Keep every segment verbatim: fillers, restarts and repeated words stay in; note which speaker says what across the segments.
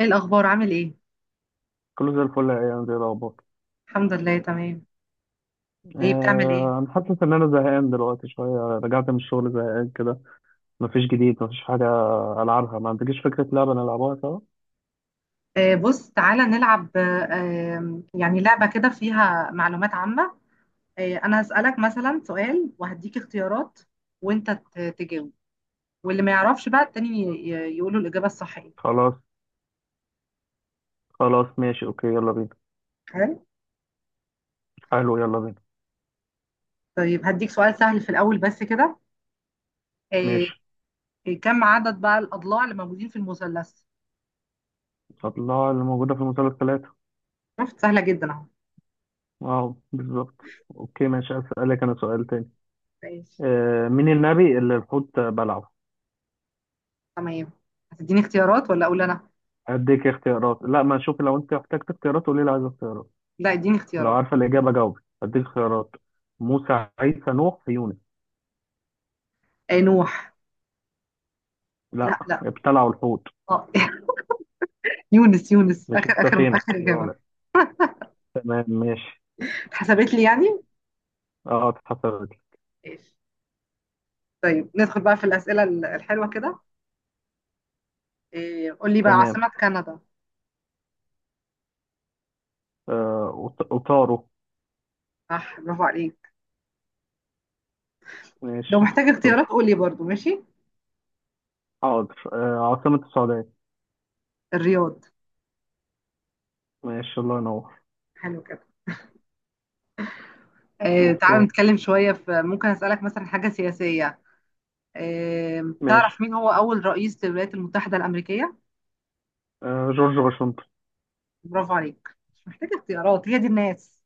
Speaker 1: ايه الاخبار؟ عامل ايه؟
Speaker 2: كله زي الفل، يا ايام زي الاخبار.
Speaker 1: الحمد لله، تمام. ايه بتعمل؟ ايه
Speaker 2: آه، انا حاسس ان انا زهقان دلوقتي شويه، رجعت من الشغل زهقان كده. مفيش جديد، مفيش حاجه. العبها، ما عندكيش فكره لعبه نلعبها سوا؟
Speaker 1: آه بص، تعالى نلعب. آه آم، يعني لعبة كده فيها معلومات عامة. آه انا هسألك مثلا سؤال وهديك اختيارات، وانت ت- تجاوب، واللي ما يعرفش بقى التاني ي- ي- يقوله الإجابة الصحيحة.
Speaker 2: خلاص، خلاص، ماشي، اوكي، يلا بينا.
Speaker 1: حلو.
Speaker 2: حلو، يلا بينا.
Speaker 1: طيب هديك سؤال سهل في الاول بس كده. آه
Speaker 2: ماشي،
Speaker 1: كم عدد بقى الاضلاع اللي موجودين في المثلث؟
Speaker 2: الله اللي موجوده في المسلسلات.
Speaker 1: شفت؟ سهلة جدا اهو.
Speaker 2: اه، بالظبط. اوكي ماشي، اسالك انا سؤال تاني.
Speaker 1: ماشي.
Speaker 2: آه، مين النبي اللي الحوت بلعه؟
Speaker 1: تمام. هتديني اختيارات ولا اقول انا؟
Speaker 2: اديك اختيارات؟ لا، ما شوفي، لو انت احتجت اختيارات قولي لي عايز اختيارات.
Speaker 1: لا، اديني
Speaker 2: لو
Speaker 1: اختيارات.
Speaker 2: عارفه الاجابه جاوبي، اديك اختيارات. موسى، عيسى، نوح، يونس.
Speaker 1: آه نوح. لا
Speaker 2: لا،
Speaker 1: لا.
Speaker 2: ابتلعوا الحوت.
Speaker 1: اه يونس، يونس
Speaker 2: مش
Speaker 1: اخر اخر
Speaker 2: السفينة
Speaker 1: اخر اجابه.
Speaker 2: يونس. تمام، ماشي.
Speaker 1: اتحسبت لي يعني.
Speaker 2: اه، اتحسبت لي.
Speaker 1: ماشي. طيب ندخل بقى في الاسئله ال- الحلوه كده. إيه، قول لي بقى
Speaker 2: تمام.
Speaker 1: عاصمه كندا.
Speaker 2: آه وط- وطاروا.
Speaker 1: صح، برافو عليك. لو
Speaker 2: ماشي.
Speaker 1: محتاج اختيارات
Speaker 2: شكرا.
Speaker 1: قول لي برضو. ماشي.
Speaker 2: حاضر. آه عاصمة السعودية؟
Speaker 1: الرياض.
Speaker 2: ماشي، الله ينور.
Speaker 1: حلو كده. إيه، تعال
Speaker 2: اوكي،
Speaker 1: نتكلم شويه في، ممكن اسالك مثلا حاجه سياسيه. إيه، تعرف
Speaker 2: ماشي.
Speaker 1: مين هو اول رئيس للولايات المتحده الامريكيه؟
Speaker 2: آه جورج واشنطن.
Speaker 1: برافو عليك، مش محتاج اختيارات. هي دي الناس.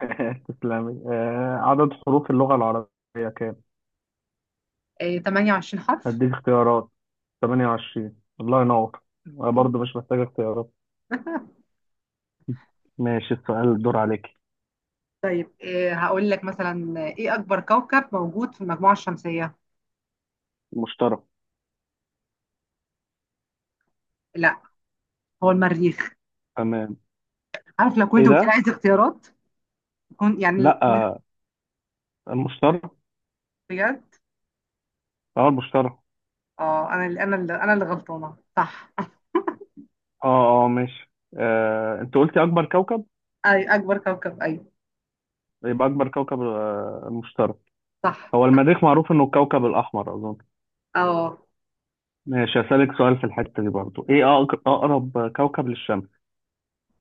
Speaker 2: تسلمي. آه عدد حروف اللغة العربية كام؟
Speaker 1: إيه، ثمانية وعشرين حرف.
Speaker 2: هديك اختيارات. ثمانية وعشرين، الله ينور. أنا
Speaker 1: أيوة.
Speaker 2: برضه مش محتاج اختيارات. ماشي، السؤال الدور عليك.
Speaker 1: طيب إيه، هقول لك مثلا ايه اكبر كوكب موجود في المجموعه الشمسيه؟
Speaker 2: المشترك.
Speaker 1: لا، هو المريخ.
Speaker 2: تمام.
Speaker 1: عارف لو
Speaker 2: ايه
Speaker 1: كنت قلت لي
Speaker 2: ده؟
Speaker 1: عايز اختيارات كنت يعني.
Speaker 2: لا، آه، المشترك.
Speaker 1: بجد
Speaker 2: اه، المشترك.
Speaker 1: اه انا اللي انا اللي انا اللي غلطانه، صح.
Speaker 2: اه، اه، ماشي. آه، انت قلتي اكبر كوكب.
Speaker 1: اي اكبر كوكب، ايوه
Speaker 2: يبقى اكبر كوكب آه، المشترك.
Speaker 1: صح.
Speaker 2: هو المريخ، معروف انه الكوكب الاحمر اظن.
Speaker 1: اه
Speaker 2: ماشي، هسألك سؤال في الحتة دي برضو. ايه أق- اقرب كوكب للشمس؟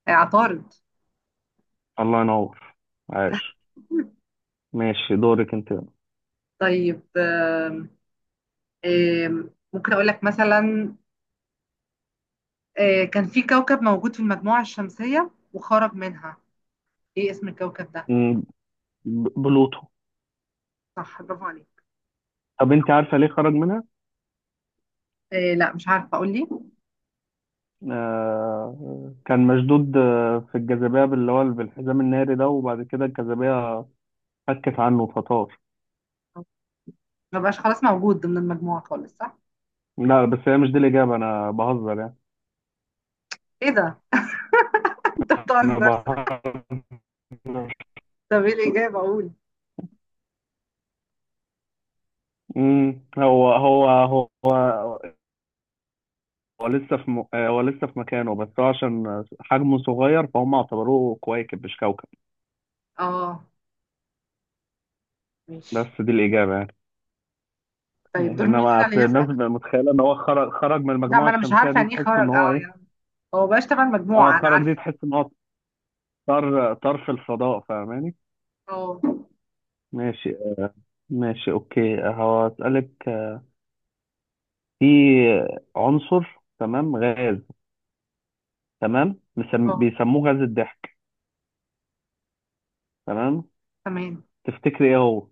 Speaker 1: عطارد.
Speaker 2: الله ينور. عاش. ماشي، دورك انت.
Speaker 1: طيب آم، آم، ممكن اقول لك مثلا آه، كان في كوكب موجود في المجموعه الشمسيه وخرج منها. ايه اسم الكوكب ده؟
Speaker 2: مم، ب- بلوتو.
Speaker 1: صح برافو عليك.
Speaker 2: طب انت عارفة ليه خرج منها؟
Speaker 1: آه، لا مش عارفه، اقول لي.
Speaker 2: آه كان مشدود آه، في الجاذبية، اللي هو بالحزام الناري ده، وبعد كده الجاذبية فكت عنه فطار.
Speaker 1: ما بقاش خلاص موجود ضمن المجموعه خالص، صح.
Speaker 2: لا، بس هي مش دي الإجابة، أنا بهزر يعني.
Speaker 1: ايه ده؟ انت
Speaker 2: انا
Speaker 1: بتهزر.
Speaker 2: بحر.
Speaker 1: طب ايه الاجابه؟ اقول
Speaker 2: امم هو هو هو هو لسه في م... هو لسه في مكانه، بس هو عشان حجمه صغير فهم اعتبروه كويكب مش كوكب.
Speaker 1: اه. ماشي.
Speaker 2: بس دي الإجابة يعني.
Speaker 1: طيب دور مين
Speaker 2: انما
Speaker 1: فينا اللي
Speaker 2: أصل الناس
Speaker 1: يسأل؟
Speaker 2: بتبقى متخيلة ان هو خرج خرج من
Speaker 1: لا ما
Speaker 2: المجموعة
Speaker 1: انا مش
Speaker 2: الشمسية،
Speaker 1: عارفة
Speaker 2: دي
Speaker 1: يعني ايه
Speaker 2: تحس ان
Speaker 1: خرج،
Speaker 2: هو
Speaker 1: اه
Speaker 2: ايه.
Speaker 1: يعني هو بقاش تبع
Speaker 2: اه،
Speaker 1: المجموعة انا
Speaker 2: خرج، دي
Speaker 1: عارفة.
Speaker 2: تحس ان هو طار طار في الفضاء، فاهماني؟
Speaker 1: اه
Speaker 2: ماشي. ماشي اوكي، هسألك. في عنصر، تمام، غاز، تمام، مسم...
Speaker 1: اه.
Speaker 2: بيسموه غاز الضحك. تمام.
Speaker 1: تمام.
Speaker 2: تفتكري ايه هو؟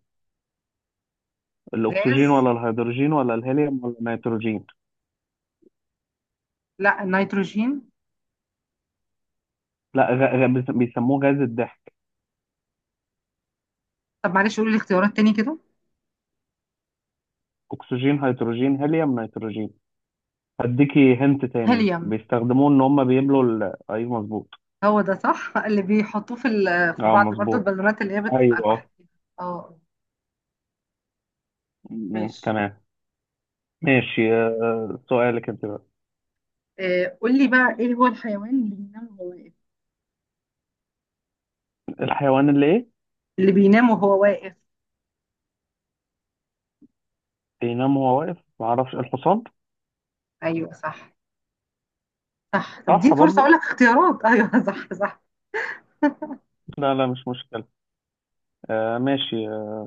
Speaker 1: غاز؟
Speaker 2: الاكسجين، ولا الهيدروجين، ولا الهيليوم، ولا النيتروجين؟
Speaker 1: لا النيتروجين.
Speaker 2: لا، غ... غ... بيس- بيسموه غاز الضحك.
Speaker 1: طب معلش قولي لي اختيارات تاني كده.
Speaker 2: اكسجين، هيدروجين، هيليوم، نيتروجين. هديكي هنت تاني،
Speaker 1: هيليوم.
Speaker 2: بيستخدموه ان هم بيملوا ال... ايوه مظبوط.
Speaker 1: هو ده صح، اللي بيحطوه في ال- في
Speaker 2: اه،
Speaker 1: بعض برضو
Speaker 2: مظبوط.
Speaker 1: البالونات اللي هي بتبقى
Speaker 2: ايوه.
Speaker 1: لوحدها.
Speaker 2: آه.
Speaker 1: اه.
Speaker 2: م- م-
Speaker 1: ماشي.
Speaker 2: تمام. ماشي، آه، سؤالك انت بقى.
Speaker 1: آه، قول لي بقى ايه هو الحيوان اللي بينام وهو واقف؟
Speaker 2: الحيوان اللي ايه؟
Speaker 1: اللي بينام وهو واقف.
Speaker 2: بينام وهو واقف؟ معرفش، الحصان.
Speaker 1: ايوه صح، صح. طب دي
Speaker 2: صح
Speaker 1: فرصة اقول
Speaker 2: برضو.
Speaker 1: لك اختيارات. ايوه صح صح.
Speaker 2: لا، لا، مش مشكلة. آه ماشي. آه،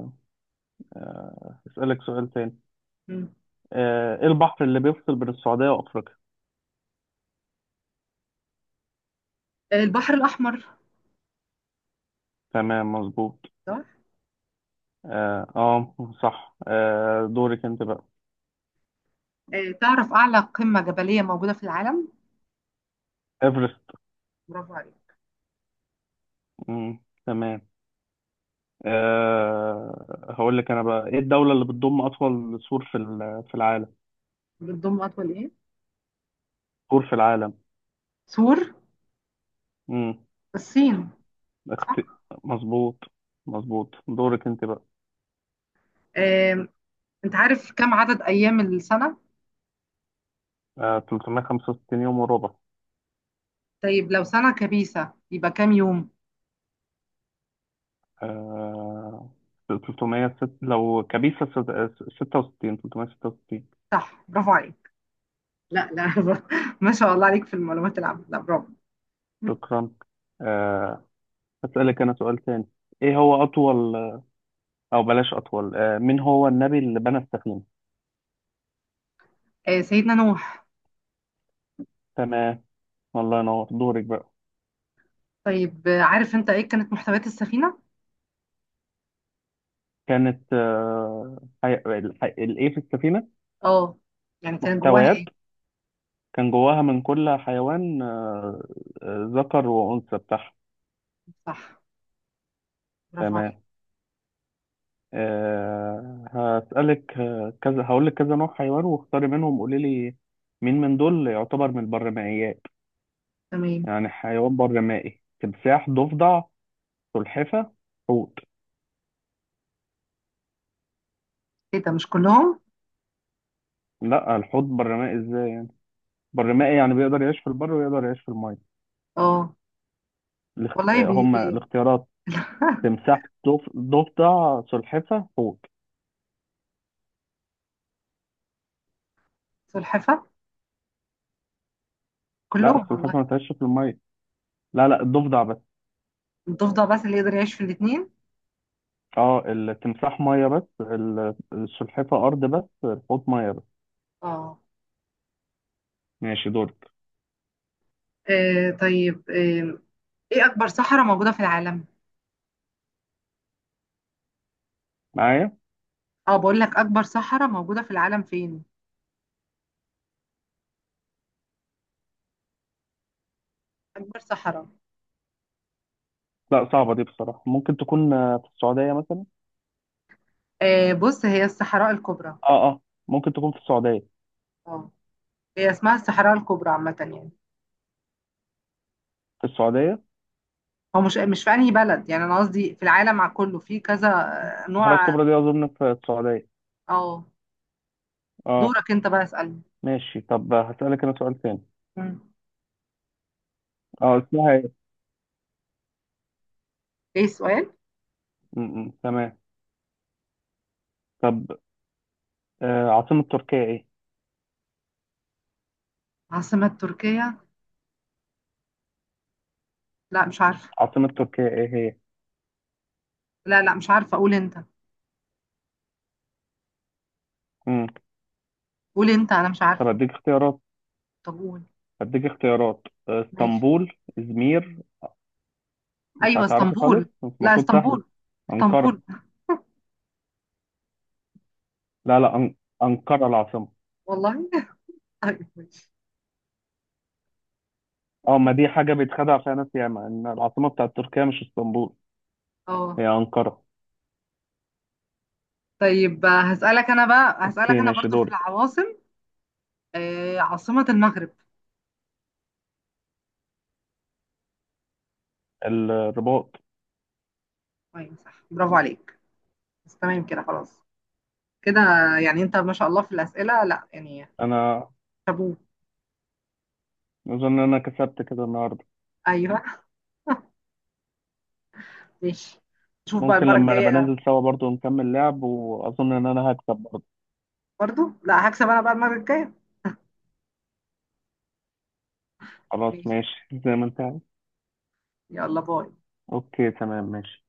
Speaker 2: آه، اسألك سؤال تاني.
Speaker 1: مم.
Speaker 2: آه ايه البحر اللي بيفصل بين السعودية وافريقيا؟
Speaker 1: آه، البحر الاحمر.
Speaker 2: تمام، مظبوط.
Speaker 1: صح.
Speaker 2: اه، آه، صح. آه دورك انت بقى.
Speaker 1: آه، تعرف أعلى قمة جبلية موجودة في العالم؟
Speaker 2: ايفرست.
Speaker 1: برافو عليك.
Speaker 2: مم، تمام. آه هقول لك انا بقى. ايه الدولة اللي بتضم اطول سور في ال- في العالم؟
Speaker 1: بتضم أطول إيه؟
Speaker 2: سور في العالم.
Speaker 1: سور.
Speaker 2: امم
Speaker 1: الصين.
Speaker 2: اخت...
Speaker 1: صح؟
Speaker 2: مظبوط، مظبوط. دورك انت بقى.
Speaker 1: آم، أنت عارف كم عدد أيام السنة؟
Speaker 2: آه ثلاثمية وخمسة وستين يوم وربع.
Speaker 1: طيب لو سنة كبيسة يبقى كام يوم؟
Speaker 2: آه ثلاثمية ست... لو كبيسة ست... ستة وستين ثلاثمية وستة وستين.
Speaker 1: صح برافو عليك. لا لا، ما شاء الله عليك في المعلومات العامة، لا برافو.
Speaker 2: شكرا. آه هسألك انا سؤال تاني. ايه هو اطول، او بلاش اطول، آه، مين هو النبي اللي بنى السفينه؟
Speaker 1: آه، سيدنا نوح.
Speaker 2: تمام. الله ينور، دورك بقى.
Speaker 1: طيب آه، عارف أنت إيه كانت محتويات السفينة؟
Speaker 2: كانت آه، حي... الح- الايه في السفينه؟
Speaker 1: أه، يعني كان جواها
Speaker 2: محتويات؟
Speaker 1: إيه؟
Speaker 2: كان جواها من كل حيوان آه، آه، ذكر وانثى بتاعها.
Speaker 1: صح برافو عليك.
Speaker 2: تمام. آه، هسألك آه، كذا، هقول لك كذا نوع حيوان واختاري منهم قولي لي، مين من دول يعتبر من البرمائيات.
Speaker 1: تمام.
Speaker 2: يعني حيوان برمائي: تمساح، ضفدع، سلحفة، حوت.
Speaker 1: إيه ده، مش كلهم؟
Speaker 2: لا، الحوت برمائي ازاي؟ برمائي يعني بيقدر يعيش في البر، ويقدر يعيش في الماء.
Speaker 1: أه.
Speaker 2: الاخت...
Speaker 1: والله
Speaker 2: آه،
Speaker 1: بي
Speaker 2: هما
Speaker 1: بي.
Speaker 2: الاختيارات. تمساح، ضف... ضفدع، سلحفة، حوت.
Speaker 1: سلحفة.
Speaker 2: لا،
Speaker 1: كلهم والله.
Speaker 2: السلحفة ما تعيش في الماء. لا، لا، الضفدع بس.
Speaker 1: ضفدة بس اللي يقدر يعيش في الاثنين.
Speaker 2: اه، التمساح مية بس، ال- السلحفة أرض بس، الحوت مية بس. ماشي، دورك.
Speaker 1: ااا طيب آه، ايه أكبر سحرة موجودة في العالم؟
Speaker 2: معايا.
Speaker 1: اقول لك أكبر سحرة موجودة في العالم فيين؟ أكبر سحرة؟
Speaker 2: لا، صعبة دي بصراحة، ممكن تكون آه، في السعودية مثلا.
Speaker 1: اه بس هي الصحراء الكبرى.
Speaker 2: اه، اه. ممكن تكون في السعودية.
Speaker 1: اه، هي اسمها الصحراء الكبرى عامة يعني.
Speaker 2: في السعودية.
Speaker 1: هو مش مش فعليه بلد، يعني ناس دي في العالم مع كله في كذا. آه،
Speaker 2: الصحراء
Speaker 1: نوع.
Speaker 2: الكبرى دي أظن في السعودية.
Speaker 1: أو،
Speaker 2: اه.
Speaker 1: دورك أنت بسألك.
Speaker 2: ماشي، طب هسألك أنا سؤال تاني. اه، اسمها ايه؟
Speaker 1: ايه سؤال؟
Speaker 2: م- م، تمام. طب، آه، عاصمة تركيا ايه؟
Speaker 1: عاصمة تركيا؟ لا مش عارف.
Speaker 2: عاصمة تركيا ايه هي؟
Speaker 1: لا لا مش عارفة. قول أنت.
Speaker 2: مم.
Speaker 1: قول أنت، أنا مش
Speaker 2: طب
Speaker 1: عارفة.
Speaker 2: اديك اختيارات.
Speaker 1: طب قول.
Speaker 2: اديك اختيارات. آه،
Speaker 1: ماي.
Speaker 2: اسطنبول، ازمير. مش
Speaker 1: ايوه
Speaker 2: هتعرفي خالص،
Speaker 1: اسطنبول.
Speaker 2: بس
Speaker 1: لا
Speaker 2: المفروض سهلة.
Speaker 1: اسطنبول.
Speaker 2: أنقرة.
Speaker 1: اسطنبول.
Speaker 2: لا، لا، أن... أنقرة العاصمة.
Speaker 1: والله طيب ماشي.
Speaker 2: اه، ما دي حاجة بيتخدع فيها ناس ياما، ان العاصمة بتاعت تركيا مش اسطنبول،
Speaker 1: اه.
Speaker 2: هي أنقرة.
Speaker 1: طيب آه، هسألك انا بقى، هسألك
Speaker 2: اوكي،
Speaker 1: انا
Speaker 2: ماشي،
Speaker 1: برضو في
Speaker 2: دورك.
Speaker 1: العواصم. آه عاصمة المغرب.
Speaker 2: الرباط.
Speaker 1: ايوه صح برافو عليك. بس تمام كده خلاص كده. يعني انت ما شاء الله في الأسئلة، لا يعني،
Speaker 2: انا
Speaker 1: شابوه.
Speaker 2: اظن ان انا كسبت كده النهارده.
Speaker 1: ايوه. ماشي. نشوف بقى
Speaker 2: ممكن
Speaker 1: المرة
Speaker 2: لما نبقى
Speaker 1: الجاية.
Speaker 2: ننزل سوا برضو نكمل لعب، واظن ان انا هكسب برضو.
Speaker 1: برضو لا، هكسب انا بقى المرة الجاية.
Speaker 2: خلاص،
Speaker 1: ماشي.
Speaker 2: ماشي. زي ما انت عايز.
Speaker 1: يلا باي.
Speaker 2: اوكي، تمام، ماشي.